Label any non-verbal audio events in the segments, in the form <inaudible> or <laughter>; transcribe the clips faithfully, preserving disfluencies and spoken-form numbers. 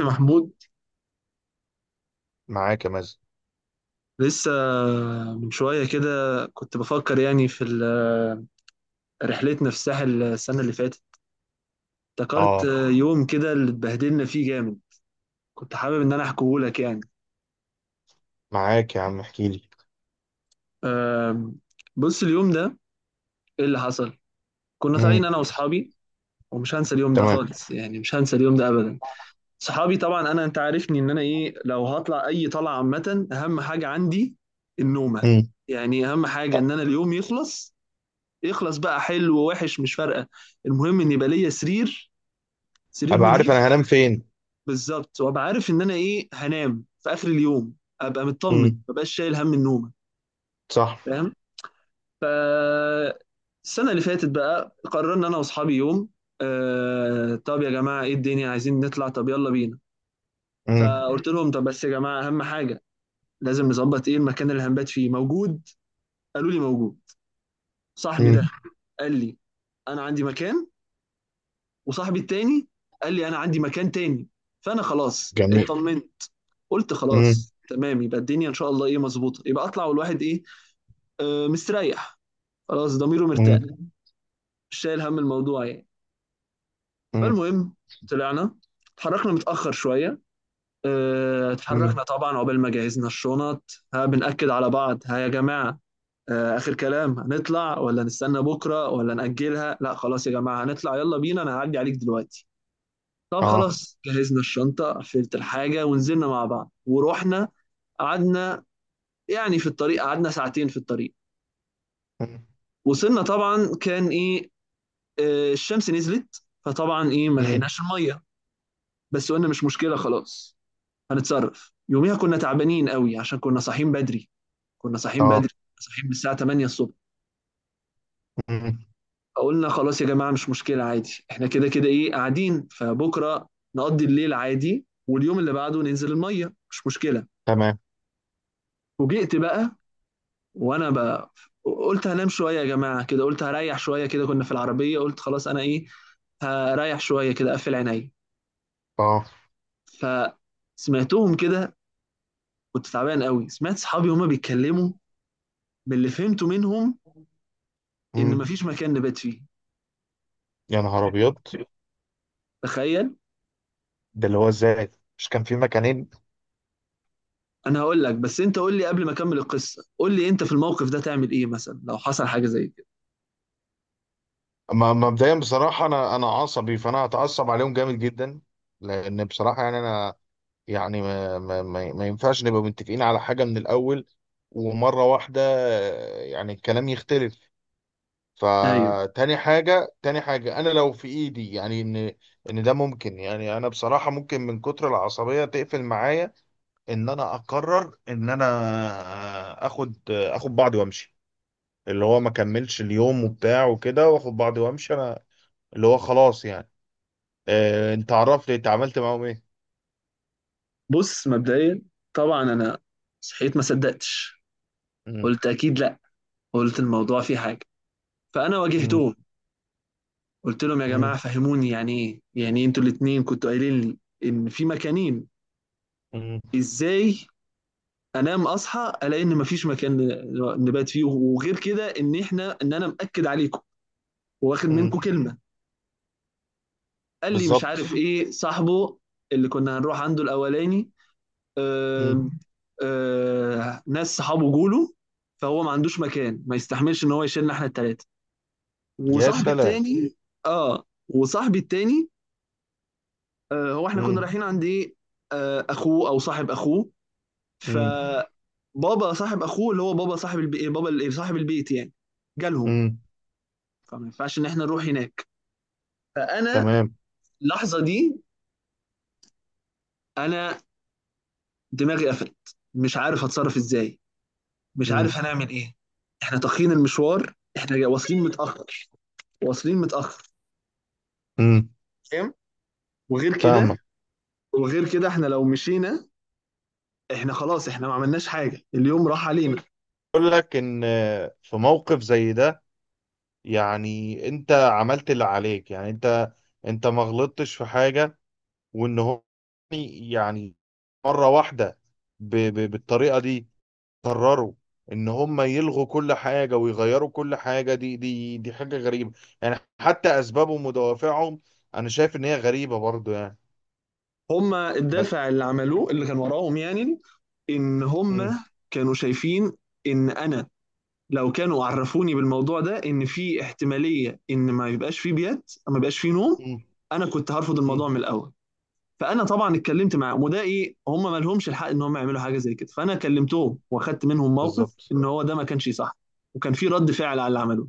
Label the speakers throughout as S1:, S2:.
S1: يا محمود،
S2: معاك يا مازن.
S1: لسه من شوية كده كنت بفكر يعني في ال- رحلتنا في الساحل السنة اللي فاتت. افتكرت
S2: اه.
S1: يوم كده اللي اتبهدلنا فيه جامد. كنت حابب إن أنا أحكيهولك يعني.
S2: معاك يا عم، احكي لي.
S1: أم، بص اليوم ده إيه اللي حصل. كنا طالعين
S2: امم.
S1: أنا وأصحابي، ومش هنسى اليوم ده
S2: تمام.
S1: خالص، يعني مش هنسى اليوم ده أبدا. صحابي طبعا، أنا أنت عارفني إن أنا إيه، لو هطلع أي طلعة عامة أهم حاجة عندي النومة.
S2: امم.
S1: يعني أهم حاجة إن أنا اليوم يخلص، يخلص بقى حلو ووحش مش فارقه، المهم ان يبقى ليا سرير، سرير
S2: ابقى عارف
S1: نضيف.
S2: انا هنام فين.
S1: بالظبط، وابقى عارف ان انا ايه هنام في اخر اليوم، ابقى مطمن
S2: امم.
S1: ما بقاش شايل هم النوم.
S2: صح.
S1: فاهم؟ ف السنه اللي فاتت بقى قررنا انا واصحابي يوم، آه طب يا جماعه ايه الدنيا عايزين نطلع، طب يلا بينا.
S2: امم.
S1: فقلت لهم طب بس يا جماعه اهم حاجه لازم نظبط ايه، المكان اللي هنبات فيه موجود. قالوا لي موجود. صاحبي
S2: امم.
S1: ده قال لي انا عندي مكان، وصاحبي التاني قال لي انا عندي مكان تاني. فانا خلاص
S2: جميل.
S1: اطمنت، قلت
S2: امم.
S1: خلاص تمام، يبقى الدنيا ان شاء الله ايه مظبوطه، يبقى اطلع والواحد ايه آه مستريح، خلاص ضميره مرتاح،
S2: امم.
S1: مش شايل هم الموضوع يعني.
S2: امم.
S1: فالمهم طلعنا، اتحركنا متاخر شويه. آه،
S2: أمم.
S1: اتحركنا طبعا عقبال ما جهزنا الشنط، ها بنأكد على بعض ها يا جماعه، آه، اخر كلام هنطلع ولا نستنى بكره ولا نأجلها، لا خلاص يا جماعه هنطلع يلا بينا، انا هعدي عليك دلوقتي. طب
S2: اه.
S1: خلاص جهزنا الشنطة، قفلت الحاجة ونزلنا مع بعض ورحنا. قعدنا يعني في الطريق، قعدنا ساعتين في الطريق.
S2: أمم.
S1: وصلنا طبعا كان ايه آه، الشمس نزلت، فطبعا ايه ما
S2: أمم.
S1: لحقناش المية. بس قلنا مش مشكلة، خلاص هنتصرف. يوميها كنا تعبانين قوي عشان كنا صاحيين بدري، كنا صاحيين بدري،
S2: اه.
S1: صاحيين من الساعة الثامنة الصبح.
S2: أمم.
S1: فقلنا خلاص يا جماعة مش مشكلة عادي، احنا كده كده ايه قاعدين، فبكرة نقضي الليل عادي واليوم اللي بعده ننزل المية، مش مشكلة.
S2: تمام.
S1: فوجئت بقى، وانا بقى قلت هنام شويه يا جماعه كده، قلت هريح شويه كده، كنا في العربيه، قلت خلاص انا ايه هريح شويه كده اقفل عيني.
S2: اه.
S1: فسمعتهم كده، كنت تعبان قوي، سمعت صحابي هما بيتكلموا، باللي فهمته منهم ان
S2: أمم.
S1: مفيش مكان نبات فيه.
S2: يا نهار ابيض.
S1: تخيل.
S2: ده اللي هو ازاي؟ مش كان في مكانين؟
S1: انا هقول لك، بس انت قول لي قبل ما اكمل القصه، قول لي انت في الموقف ده تعمل ايه مثلا لو حصل حاجه زي كده.
S2: ما- مبدئيا بصراحه، انا انا عصبي، فانا هتعصب عليهم جامد جدا. لان بصراحه يعني انا، يعني ما, ما, ما, ما ينفعش نبقى متفقين على حاجة من الأول، ومرة واحدة آه، يعني الكلام يختلف.
S1: ايوه،
S2: فتاني حاجة تاني حاجة، أنا لو في إيدي يعني إن إن ده ممكن، يعني أنا بصراحة ممكن من كتر العصبية تقفل معايا، إن أنا أقرر إن أنا آه، آخد آه، آخد بعضي وأمشي، اللي هو ما كملش اليوم وبتاع وكده، وآخد بعضي وأمشي أنا، اللي هو خلاص يعني. آه، أنت عرفت أنت عملت معاهم إيه؟
S1: بص مبدئيا طبعا انا صحيت ما صدقتش،
S2: مم.
S1: قلت اكيد لا، قلت الموضوع فيه حاجه. فانا
S2: مم.
S1: واجهتهم، قلت لهم يا جماعه
S2: مم.
S1: فهموني يعني ايه، يعني إيه انتوا الاثنين كنتوا قايلين لي ان في مكانين؟
S2: مم.
S1: ازاي انام اصحى الاقي ان مفيش مكان ن- نبات فيه، وغير كده ان احنا ان انا مأكد عليكم واخد
S2: مم.
S1: منكم كلمه. قال لي مش
S2: بالظبط.
S1: عارف ايه، صاحبه اللي كنا هنروح عنده الاولاني،
S2: مم.
S1: آم، آه، ناس صحابه جوله، فهو ما عندوش مكان، ما يستحملش ان هو يشيلنا احنا الثلاثه.
S2: يا
S1: وصاحبي
S2: سلام.
S1: التاني، اه وصاحبي التاني، آه، هو احنا كنا
S2: مم.
S1: رايحين عند ايه، آه، اخوه او صاحب اخوه،
S2: مم.
S1: فبابا صاحب اخوه اللي هو بابا صاحب البي... إيه، بابا ال- إيه، صاحب البيت يعني، جالهم.
S2: مم.
S1: فما ينفعش ان احنا نروح هناك. فانا
S2: تمام.
S1: اللحظه دي انا دماغي قفلت، مش عارف اتصرف ازاي، مش
S2: مم.
S1: عارف هنعمل ايه. احنا تاخرين المشوار، احنا جا- واصلين متاخر، واصلين متاخر.
S2: مم.
S1: فاهم؟ وغير كده،
S2: فاهمك.
S1: وغير كده احنا لو مشينا احنا خلاص، احنا ما عملناش حاجه، اليوم راح علينا.
S2: اقول لك ان في موقف زي ده، يعني انت عملت اللي عليك، يعني انت انت ما غلطتش في حاجة، وان هو يعني مرة واحدة ب... ب... بالطريقة دي قرروا ان هم يلغوا كل حاجة ويغيروا كل حاجة، دي دي دي حاجة غريبة، يعني حتى اسبابهم ودوافعهم انا شايف ان هي غريبة برضو يعني.
S1: هما
S2: بس.
S1: الدافع اللي عملوه اللي كان وراهم يعني ان
S2: مم.
S1: هما كانوا شايفين ان انا لو كانوا عرفوني بالموضوع ده، ان في احتماليه ان ما يبقاش فيه بيات، ما يبقاش فيه نوم، انا كنت هرفض الموضوع
S2: مم.
S1: من الاول. فانا طبعا اتكلمت معاهم، وده ايه، هم ما لهمش الحق ان هم يعملوا حاجه زي كده، فانا كلمتهم واخدت منهم موقف
S2: بالظبط.
S1: ان هو ده ما كانش صح. وكان في رد فعل على اللي عملوه،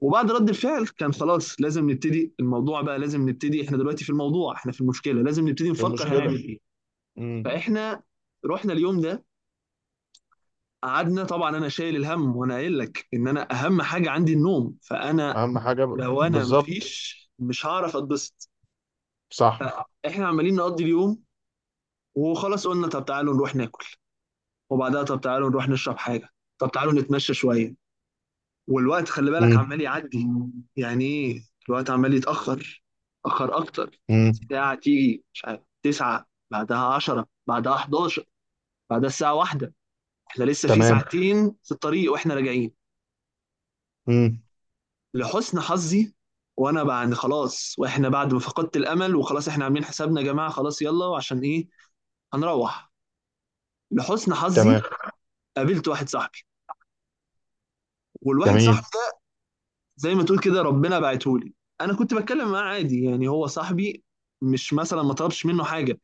S1: وبعد رد الفعل كان خلاص لازم نبتدي الموضوع بقى، لازم نبتدي احنا دلوقتي في الموضوع، احنا في المشكله، لازم نبتدي
S2: في
S1: نفكر هنعمل
S2: المشكلة.
S1: ايه.
S2: امم.
S1: فاحنا رحنا اليوم ده، قعدنا طبعا انا شايل الهم، وانا قايل لك ان انا اهم حاجه عندي النوم، فانا
S2: أهم حاجة، ب...
S1: لو انا
S2: بالظبط.
S1: مفيش مش هعرف اتبسط.
S2: صح.
S1: احنا عمالين نقضي اليوم، وخلاص قلنا طب تعالوا نروح ناكل، وبعدها طب تعالوا نروح نشرب حاجه، طب تعالوا نتمشى شويه، والوقت خلي بالك
S2: امم.
S1: عمال يعدي يعني ايه، الوقت عمال يتاخر، اخر اكتر،
S2: امم.
S1: ساعه تيجي مش عارف تسعة بعدها عشرة بعدها حداشر بعدها الساعه واحدة، احنا لسه في
S2: تمام.
S1: ساعتين في الطريق واحنا راجعين.
S2: امم.
S1: لحسن حظي، وانا بعد خلاص، واحنا بعد ما فقدت الامل، وخلاص احنا عاملين حسابنا يا جماعه خلاص يلا عشان ايه هنروح، لحسن حظي
S2: تمام.
S1: قابلت واحد صاحبي، والواحد صاحبي
S2: جميل.
S1: ده زي ما تقول كده ربنا بعته لي. انا كنت بتكلم معاه عادي يعني هو صاحبي، مش مثلا ما طلبش منه حاجه.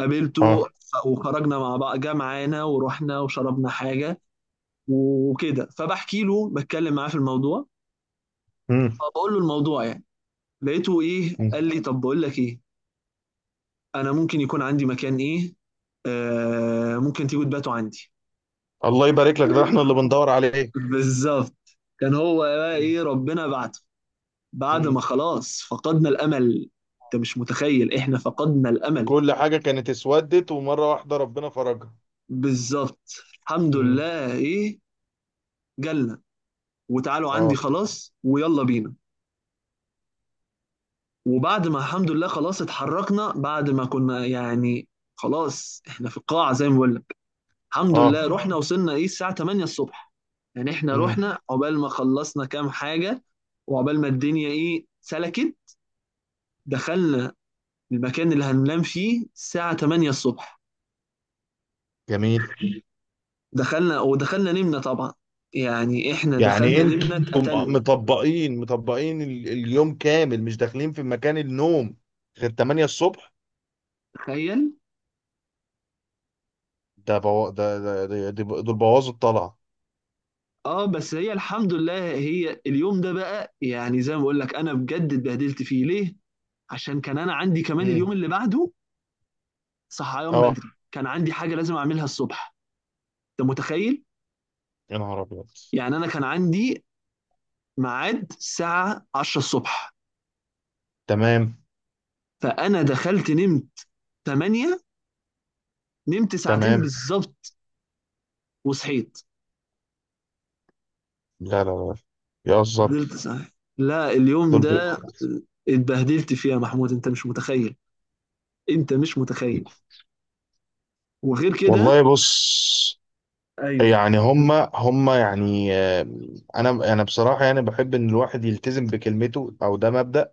S1: قابلته
S2: اه.
S1: ف- وخرجنا مع بعض، جه معانا ورحنا وشربنا حاجه وكده، فبحكي له بتكلم معاه في الموضوع،
S2: امم.
S1: فبقول له الموضوع يعني، لقيته ايه قال
S2: أمم.
S1: لي طب بقول لك ايه، انا ممكن يكون عندي مكان ايه، آه ممكن تيجوا تباتوا عندي.
S2: الله يبارك لك، ده احنا اللي بندور عليه.
S1: <laughs> بالظبط، كان هو بقى
S2: أمم.
S1: ايه ربنا بعته، بعد ما
S2: أمم.
S1: خلاص فقدنا الامل. انت مش متخيل احنا فقدنا الامل.
S2: كل حاجة كانت اسودت ومرة واحدة ربنا فرجها.
S1: بالظبط، الحمد
S2: امم.
S1: لله ايه، جالنا وتعالوا عندي
S2: اه.
S1: خلاص ويلا بينا. وبعد ما الحمد لله خلاص اتحركنا بعد ما كنا يعني خلاص احنا في القاعة زي ما بقول، الحمد
S2: اه.
S1: لله رحنا وصلنا ايه الساعة تمانية الصبح. يعني احنا
S2: امم.
S1: رحنا عقبال ما خلصنا كام حاجة، وعقبال ما الدنيا ايه سلكت، دخلنا المكان اللي هننام فيه الساعة تمانية الصبح.
S2: جميل.
S1: دخلنا، ودخلنا نمنا طبعا، يعني احنا
S2: يعني
S1: دخلنا
S2: انتم
S1: نمنا
S2: آه،
S1: اتقتلنا.
S2: مطبقين مطبقين ال- اليوم كامل، مش داخلين في مكان النوم غير ثمانية الصبح؟
S1: تخيل.
S2: ده بو... ده ده ده- ده دول بوظوا الطلعة.
S1: اه بس هي الحمد لله، هي اليوم ده بقى يعني زي ما بقول لك انا بجد اتبهدلت فيه ليه؟ عشان كان انا عندي كمان
S2: امم.
S1: اليوم اللي بعده، صحيان
S2: اه.
S1: بدري، كان عندي حاجة لازم اعملها الصبح. انت متخيل؟
S2: يا نهار ابيض.
S1: يعني انا كان عندي ميعاد الساعه عشرة الصبح،
S2: تمام.
S1: فانا دخلت نمت تمانية، نمت ساعتين
S2: تمام.
S1: بالظبط، وصحيت.
S2: لا لا لا، يهزر.
S1: فضلت صاحي، لا اليوم
S2: دول
S1: ده اتبهدلت فيه يا محمود، انت مش متخيل، انت مش
S2: بي...
S1: متخيل. وغير كده،
S2: والله بص.
S1: ايوه
S2: يعني هما هما يعني آه، انا انا بصراحه يعني بحب ان الواحد يلتزم بكلمته، او ده مبدأ.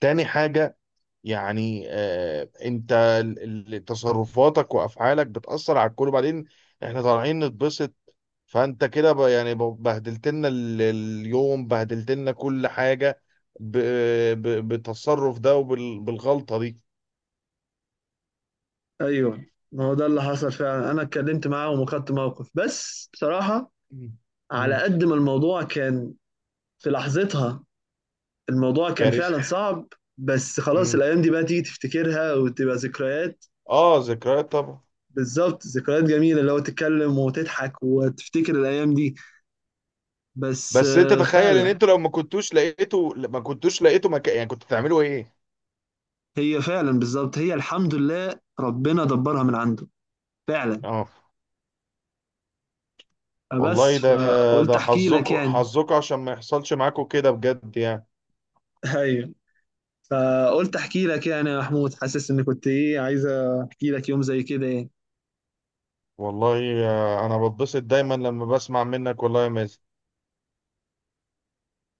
S2: تاني حاجه، يعني آه، انت ال- ال- تصرفاتك وافعالك بتاثر على الكل، وبعدين احنا طالعين نتبسط، فانت كده ب- يعني ب- بهدلت لنا ال- اليوم، بهدلت لنا كل حاجه ب- ب- بالتصرف ده وبالغلطه دي.
S1: ايوه ما هو ده اللي حصل فعلا، انا اتكلمت معاهم وخدت موقف، بس بصراحه
S2: مم.
S1: على
S2: مم.
S1: قد ما الموضوع كان في لحظتها الموضوع كان
S2: كارثه.
S1: فعلا صعب، بس خلاص
S2: مم.
S1: الايام دي بقى تيجي تفتكرها وتبقى ذكريات.
S2: اه، ذكريات طبعا.
S1: بالظبط، ذكريات جميلة اللي هو تتكلم وتضحك وتفتكر الأيام دي، بس
S2: بس انت
S1: آه،
S2: تخيل ان
S1: فعلا.
S2: انتوا لو ما كنتوش لقيتوا ما كنتوش لقيتوا مكان، يعني كنتوا تعملوا ايه؟
S1: هي فعلا بالظبط، هي الحمد لله ربنا دبرها من عنده، فعلا.
S2: اه.
S1: فبس
S2: والله ده
S1: فقلت
S2: ده
S1: أحكي لك
S2: حظكم
S1: يعني،
S2: حظكم عشان ما يحصلش معاكم كده بجد يعني.
S1: أيوه فقلت أحكي لك يعني يا محمود، حاسس إن كنت إيه عايز أحكي لك يوم زي كده يعني
S2: والله آه، انا بتبسط دايما لما بسمع منك، والله يا مازن.